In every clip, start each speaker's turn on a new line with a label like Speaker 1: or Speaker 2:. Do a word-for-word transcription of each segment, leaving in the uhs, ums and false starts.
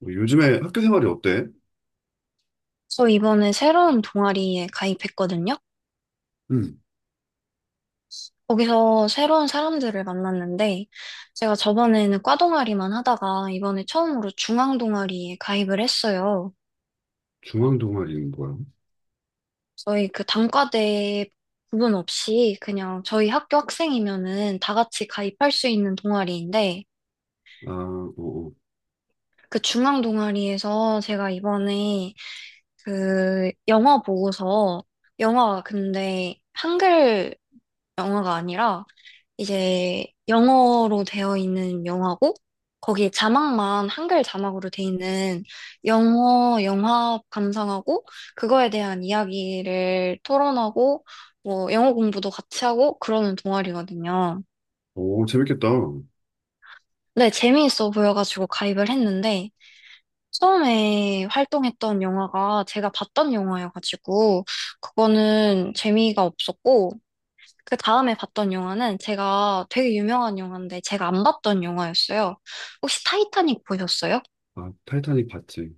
Speaker 1: 뭐 요즘에 학교 생활이 어때?
Speaker 2: 저 이번에 새로운 동아리에 가입했거든요.
Speaker 1: 응.
Speaker 2: 거기서 새로운 사람들을 만났는데, 제가 저번에는 과 동아리만 하다가 이번에 처음으로 중앙 동아리에 가입을 했어요.
Speaker 1: 중앙 동아리는 뭐야?
Speaker 2: 저희 그 단과대 구분 없이 그냥 저희 학교 학생이면은 다 같이 가입할 수 있는 동아리인데,
Speaker 1: 아, 오,
Speaker 2: 그 중앙 동아리에서 제가 이번에 그 영어 보고서, 영어가 근데 한글 영어가 아니라 이제 영어로 되어 있는 영화고 거기에 자막만 한글 자막으로 돼 있는 영어 영화 감상하고 그거에 대한 이야기를 토론하고 뭐 영어 공부도 같이 하고 그러는 동아리거든요.
Speaker 1: 오, 오, 재밌겠다.
Speaker 2: 근데 재미있어 보여가지고 가입을 했는데 처음에 활동했던 영화가 제가 봤던 영화여가지고 그거는 재미가 없었고 그 다음에 봤던 영화는 제가 되게 유명한 영화인데 제가 안 봤던 영화였어요. 혹시 타이타닉 보셨어요?
Speaker 1: 아, 타이타닉 봤지.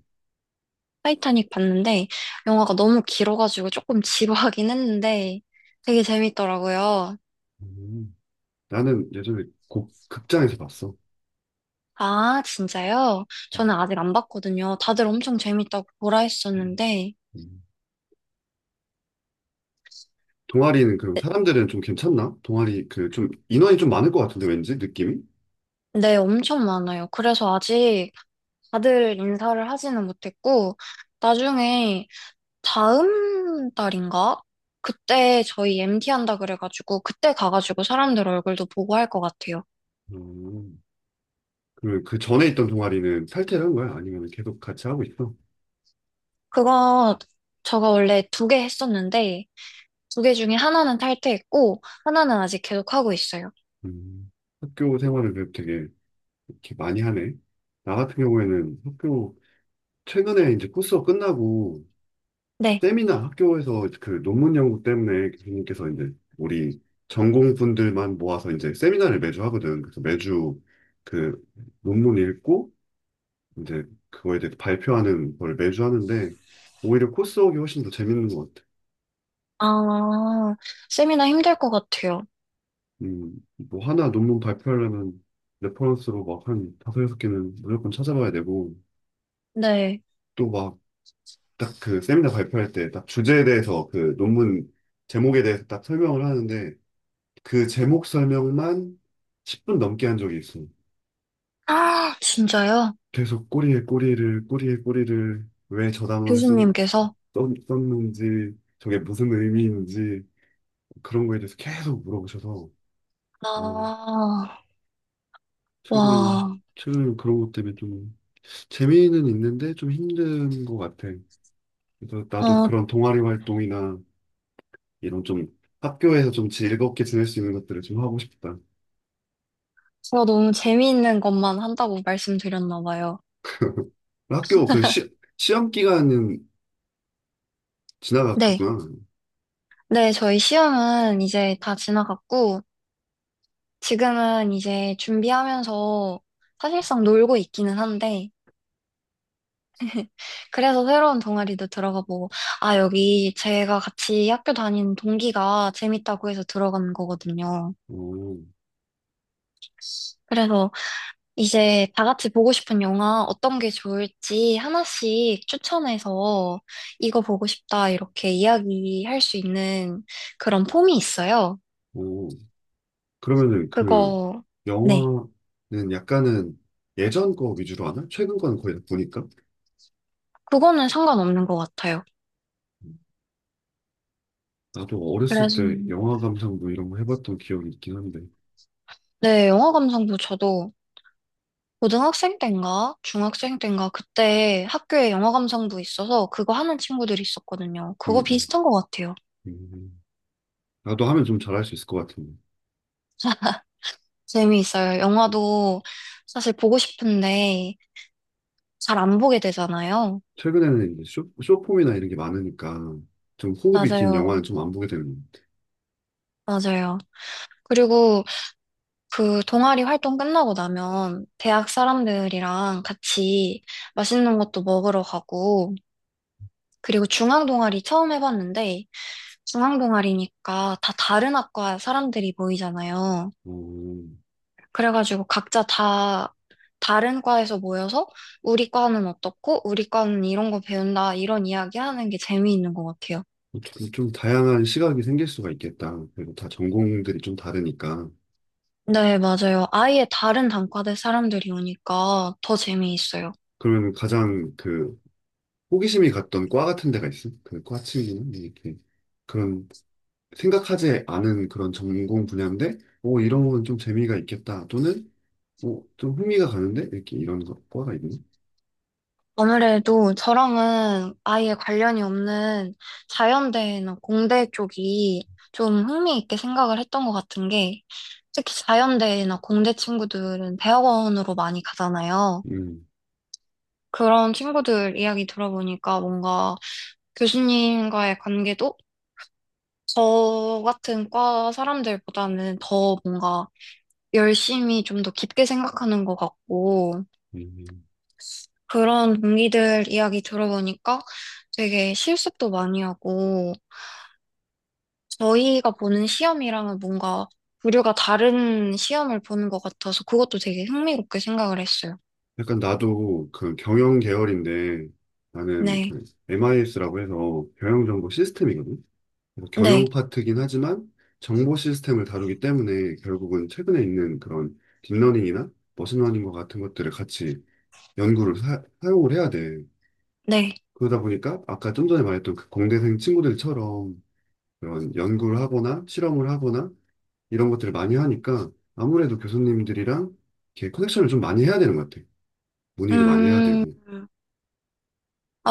Speaker 2: 타이타닉 봤는데 영화가 너무 길어가지고 조금 지루하긴 했는데 되게 재밌더라고요.
Speaker 1: 음, 나는 예전에 곡, 극장에서 봤어.
Speaker 2: 아, 진짜요?
Speaker 1: 음,
Speaker 2: 저는 아직 안 봤거든요. 다들 엄청 재밌다고 보라
Speaker 1: 음,
Speaker 2: 했었는데
Speaker 1: 음. 동아리는 그럼 사람들은 좀 괜찮나? 동아리 그 좀 인원이 좀 많을 것 같은데 왠지 느낌이?
Speaker 2: 네, 엄청 많아요. 그래서 아직 다들 인사를 하지는 못했고 나중에 다음 달인가? 그때 저희 엠티 한다 그래가지고 그때 가가지고 사람들 얼굴도 보고 할 것 같아요.
Speaker 1: 음, 그러면 그 전에 있던 동아리는 탈퇴를 한 거야? 아니면 계속 같이 하고 있어?
Speaker 2: 그거 저가 원래 두 개 했었는데 두 개 중에 하나는 탈퇴했고 하나는 아직 계속 하고 있어요.
Speaker 1: 음, 학교 생활을 그래도 되게 이렇게 많이 하네. 나 같은 경우에는 학교 최근에 이제 코스가 끝나고
Speaker 2: 네.
Speaker 1: 세미나 학교에서 그 논문 연구 때문에 교수님께서 이제 우리 전공분들만 모아서 이제 세미나를 매주 하거든. 그래서 매주 그 논문 읽고 이제 그거에 대해서 발표하는 걸 매주 하는데 오히려 코스웍이 훨씬 더 재밌는 것 같아.
Speaker 2: 아, 세미나 힘들 것 같아요.
Speaker 1: 음, 뭐 하나 논문 발표하려면 레퍼런스로 막 한 다섯 여섯 개는 무조건 찾아봐야 되고
Speaker 2: 네.
Speaker 1: 또 막 딱 그 세미나 발표할 때 딱 주제에 대해서 그 논문 제목에 대해서 딱 설명을 하는데 그 제목 설명만 십 분 넘게 한 적이 있어.
Speaker 2: 아, 진짜요?
Speaker 1: 계속 꼬리에 꼬리를, 꼬리에 꼬리를 왜 저 단어를 썼,
Speaker 2: 교수님께서?
Speaker 1: 는지 저게 무슨 의미인지, 그런 거에 대해서 계속 물어보셔서, 어,
Speaker 2: 아,
Speaker 1: 최근에,
Speaker 2: 와.
Speaker 1: 최근에 그런 것 때문에 좀, 재미는 있는데 좀 힘든 것 같아. 그래서 나도
Speaker 2: 어,
Speaker 1: 그런 동아리 활동이나 이런 좀 학교에서 좀 즐겁게 지낼 수 있는 것들을 좀 하고 싶다.
Speaker 2: 제가 너무 재미있는 것만 한다고 말씀드렸나 봐요.
Speaker 1: 학교 그 시, 시험 기간은
Speaker 2: 네.
Speaker 1: 지나갔구나.
Speaker 2: 네, 저희 시험은 이제 다 지나갔고, 지금은 이제 준비하면서 사실상 놀고 있기는 한데, 그래서 새로운 동아리도 들어가 보고, 아, 여기 제가 같이 학교 다니는 동기가 재밌다고 해서 들어간 거거든요.
Speaker 1: 오,
Speaker 2: 그래서 이제 다 같이 보고 싶은 영화 어떤 게 좋을지 하나씩 추천해서 이거 보고 싶다 이렇게 이야기할 수 있는 그런 폼이 있어요.
Speaker 1: 오. 그러면은 그
Speaker 2: 그거, 네.
Speaker 1: 영화는 약간은 예전 거 위주로 하나? 최근 거는 거의 다 보니까.
Speaker 2: 그거는 상관없는 것 같아요.
Speaker 1: 나도 어렸을
Speaker 2: 그래서
Speaker 1: 때 영화 감상 뭐 이런 거 해봤던 기억이 있긴 한데.
Speaker 2: 네, 영어 감상부 저도 고등학생 때인가 중학생 때인가 그때 학교에 영어 감상부 있어서 그거 하는 친구들이 있었거든요.
Speaker 1: 음,
Speaker 2: 그거
Speaker 1: 음,
Speaker 2: 비슷한 것 같아요.
Speaker 1: 음. 나도 하면 좀 잘할 수 있을 것 같은데.
Speaker 2: 재미있어요. 영화도 사실 보고 싶은데 잘 안 보게 되잖아요.
Speaker 1: 최근에는 이제 쇼, 쇼폼이나 이런 게 많으니까 좀 호흡이 긴
Speaker 2: 맞아요.
Speaker 1: 영화는 좀 안 보게 되는 것같
Speaker 2: 맞아요. 그리고 그 동아리 활동 끝나고 나면 대학 사람들이랑 같이 맛있는 것도 먹으러 가고 그리고 중앙 동아리 처음 해봤는데 중앙동아리니까 다 다른 학과 사람들이 모이잖아요.
Speaker 1: 어,
Speaker 2: 그래가지고 각자 다 다른 과에서 모여서 우리 과는 어떻고 우리 과는 이런 거 배운다 이런 이야기 하는 게 재미있는 것 같아요.
Speaker 1: 좀, 좀 다양한 시각이 생길 수가 있겠다. 그리고 다 전공들이 좀 다르니까.
Speaker 2: 네, 맞아요. 아예 다른 단과대 사람들이 오니까 더 재미있어요.
Speaker 1: 그러면 가장 그 호기심이 갔던 과 같은 데가 있어? 그 과 친구는 네, 이렇게 그런 생각하지 않은 그런 전공 분야인데, 오 이런 건 좀 재미가 있겠다. 또는 오좀 흥미가 가는데 이렇게 이런 거 과가 있니?
Speaker 2: 아무래도 저랑은 아예 관련이 없는 자연대나 공대 쪽이 좀 흥미있게 생각을 했던 것 같은 게 특히 자연대나 공대 친구들은 대학원으로 많이 가잖아요.
Speaker 1: 음,
Speaker 2: 그런 친구들 이야기 들어보니까 뭔가 교수님과의 관계도 저 같은 과 사람들보다는 더 뭔가 열심히 좀 더 깊게 생각하는 것 같고
Speaker 1: 음.
Speaker 2: 그런 동기들 이야기 들어보니까 되게 실습도 많이 하고 저희가 보는 시험이랑은 뭔가 부류가 다른 시험을 보는 것 같아서 그것도 되게 흥미롭게 생각을 했어요.
Speaker 1: 약간 나도 그 경영 계열인데 나는
Speaker 2: 네,
Speaker 1: 그 엠아이에스라고 해서 경영 정보 시스템이거든. 그래서
Speaker 2: 네,
Speaker 1: 경영 파트긴 하지만 정보 시스템을 다루기 때문에 결국은 최근에 있는 그런 딥러닝이나 머신러닝과 같은 것들을 같이 연구를 사, 용을 해야 돼.
Speaker 2: 네.
Speaker 1: 그러다 보니까 아까 좀 전에 말했던 그 공대생 친구들처럼 그런 연구를 하거나 실험을 하거나 이런 것들을 많이 하니까 아무래도 교수님들이랑 이렇게 커넥션을 좀 많이 해야 되는 것 같아. 문의도 많이 해야
Speaker 2: 음,
Speaker 1: 되고.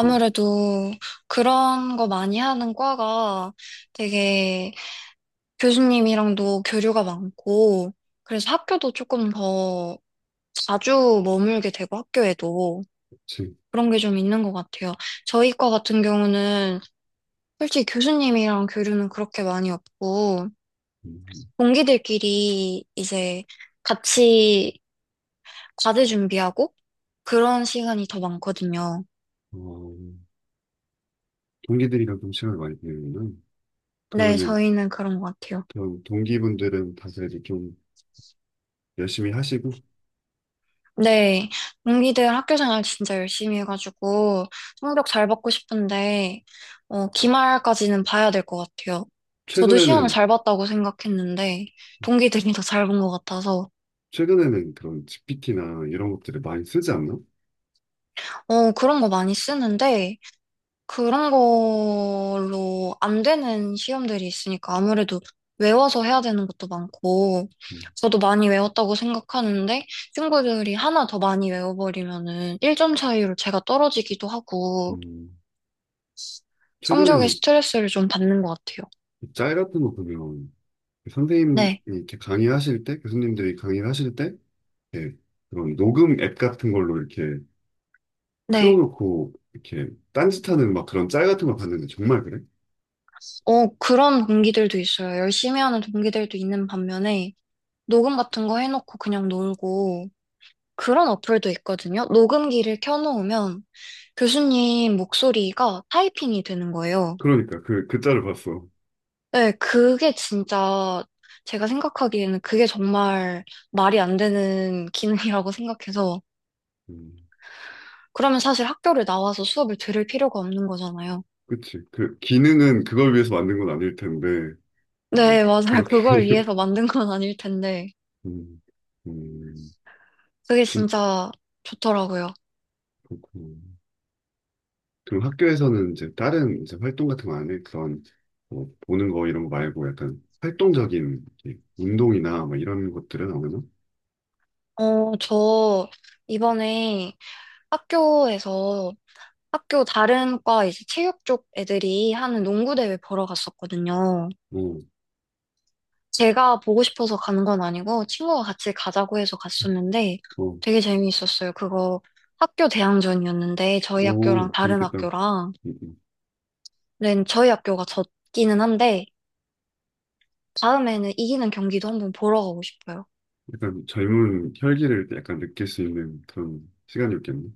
Speaker 1: 그렇지.
Speaker 2: 그런 거 많이 하는 과가 되게 교수님이랑도 교류가 많고 그래서 학교도 조금 더 자주 머물게 되고 학교에도 그런 게 좀 있는 것 같아요. 저희 과 같은 경우는 솔직히 교수님이랑 교류는 그렇게 많이 없고,
Speaker 1: 음,
Speaker 2: 동기들끼리 이제 같이 과제 준비하고 그런 시간이 더 많거든요.
Speaker 1: 어, 동기들이랑 좀 시간을 많이 보내는구나.
Speaker 2: 네,
Speaker 1: 그러면은
Speaker 2: 저희는 그런 것 같아요.
Speaker 1: 그런 동기분들은 다들 이제 좀 열심히 하시고
Speaker 2: 네, 동기들 학교 생활 진짜 열심히 해가지고 성적 잘 받고 싶은데, 어, 기말까지는 봐야 될 것 같아요. 저도 시험을
Speaker 1: 최근에는
Speaker 2: 잘 봤다고 생각했는데, 동기들이 더 잘 본 것 같아서,
Speaker 1: 최근에는 그런 지피티나 이런 것들을 많이 쓰지 않나?
Speaker 2: 어, 그런 거 많이 쓰는데, 그런 걸로 안 되는 시험들이 있으니까 아무래도 외워서 해야 되는 것도 많고,
Speaker 1: 음.
Speaker 2: 저도 많이 외웠다고 생각하는데, 친구들이 하나 더 많이 외워버리면은 일 점 차이로 제가 떨어지기도 하고,
Speaker 1: 음.
Speaker 2: 성적에
Speaker 1: 최근에는
Speaker 2: 스트레스를 좀 받는 것 같아요.
Speaker 1: 짤 같은 거 보면 선생님이
Speaker 2: 네,
Speaker 1: 이렇게 강의하실 때 교수님들이 강의를 하실 때 이렇게 그런 녹음 앱 같은 걸로 이렇게
Speaker 2: 네.
Speaker 1: 틀어놓고 이렇게 딴짓하는 막 그런 짤 같은 거 봤는데 정말 그래?
Speaker 2: 어, 그런 동기들도 있어요. 열심히 하는 동기들도 있는 반면에, 녹음 같은 거 해놓고 그냥 놀고, 그런 어플도 있거든요. 녹음기를 켜놓으면 교수님 목소리가 타이핑이 되는 거예요.
Speaker 1: 그러니까 그 그 짤을 봤어.
Speaker 2: 네, 그게 진짜 제가 생각하기에는 그게 정말 말이 안 되는 기능이라고 생각해서
Speaker 1: 음,
Speaker 2: 그러면 사실 학교를 나와서 수업을 들을 필요가 없는 거잖아요.
Speaker 1: 그치. 그 기능은 그걸 위해서 만든 건 아닐 텐데.
Speaker 2: 네,
Speaker 1: 음,
Speaker 2: 맞아요.
Speaker 1: 그렇게
Speaker 2: 그걸 위해서 만든 건 아닐 텐데
Speaker 1: 음, 음,
Speaker 2: 그게
Speaker 1: 진짜
Speaker 2: 진짜 좋더라고요.
Speaker 1: 그렇구나. 그럼 학교에서는 이제 다른 이제 활동 같은 거 안 해? 그런 뭐 보는 거 이런 거 말고 약간 활동적인 이렇게 운동이나 뭐 이런 것들은 안 하나?
Speaker 2: 어, 저 이번에 학교에서 학교 다른 과 이제 체육 쪽 애들이 하는 농구 대회 보러 갔었거든요.
Speaker 1: 오,
Speaker 2: 제가 보고 싶어서 가는 건 아니고 친구가 같이 가자고 해서 갔었는데
Speaker 1: 어,
Speaker 2: 되게 재미있었어요. 그거 학교 대항전이었는데 저희
Speaker 1: 오,
Speaker 2: 학교랑 다른
Speaker 1: 재밌겠다.
Speaker 2: 학교랑
Speaker 1: 음, 음.
Speaker 2: 는 저희 학교가 졌기는 한데 다음에는 이기는 경기도 한번 보러 가고 싶어요.
Speaker 1: 약간 젊은 혈기를 약간 느낄 수 있는 그런 시간이었겠네.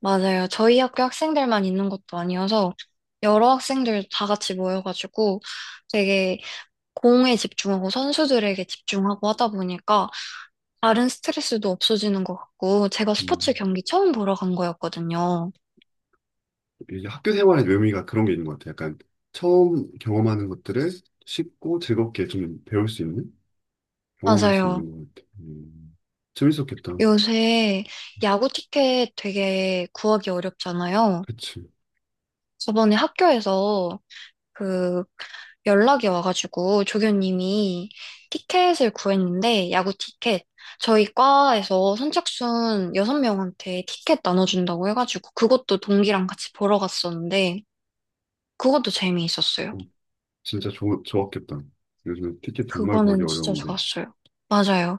Speaker 2: 맞아요. 저희 학교 학생들만 있는 것도 아니어서 여러 학생들 다 같이 모여가지고 되게 공에 집중하고 선수들에게 집중하고 하다 보니까 다른 스트레스도 없어지는 것 같고, 제가 스포츠
Speaker 1: 음.
Speaker 2: 경기 처음 보러 간 거였거든요.
Speaker 1: 이게 학교 생활의 묘미가 그런 게 있는 것 같아. 약간 처음 경험하는 것들을 쉽고 즐겁게 좀 배울 수 있는, 경험할 수
Speaker 2: 맞아요.
Speaker 1: 있는 것 같아. 음. 재밌었겠다.
Speaker 2: 요새 야구 티켓 되게 구하기 어렵잖아요.
Speaker 1: 그치.
Speaker 2: 저번에 학교에서 그 연락이 와가지고 조교님이 티켓을 구했는데, 야구 티켓. 저희 과에서 선착순 여섯 명한테 티켓 나눠준다고 해가지고, 그것도 동기랑 같이 보러 갔었는데, 그것도 재미있었어요.
Speaker 1: 어. 진짜 좋, 좋았겠다. 요즘 티켓 정말 구하기
Speaker 2: 그거는 진짜
Speaker 1: 어려운데.
Speaker 2: 좋았어요. 맞아요.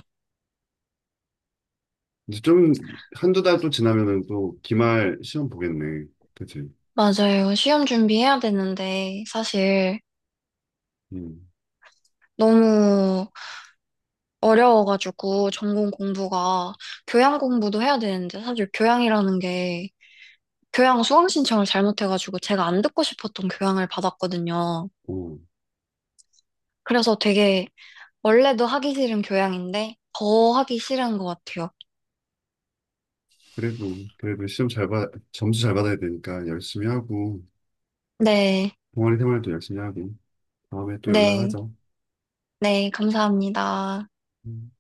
Speaker 1: 이제 좀 한 두 달 또 지나면은 또 기말 시험 보겠네. 그치?
Speaker 2: 맞아요. 시험 준비해야 되는데, 사실
Speaker 1: 음.
Speaker 2: 너무 어려워가지고, 전공 공부가, 교양 공부도 해야 되는데, 사실 교양이라는 게, 교양 수강 신청을 잘못해가지고, 제가 안 듣고 싶었던 교양을 받았거든요.
Speaker 1: 오.
Speaker 2: 그래서 되게, 원래도 하기 싫은 교양인데, 더 하기 싫은 것 같아요.
Speaker 1: 그래도, 그래도 시험 잘 받, 점수 잘 받아야 되니까 열심히 하고,
Speaker 2: 네,
Speaker 1: 동아리 생활도 열심히 하고, 다음에 또
Speaker 2: 네,
Speaker 1: 연락하자.
Speaker 2: 네, 감사합니다.
Speaker 1: 음.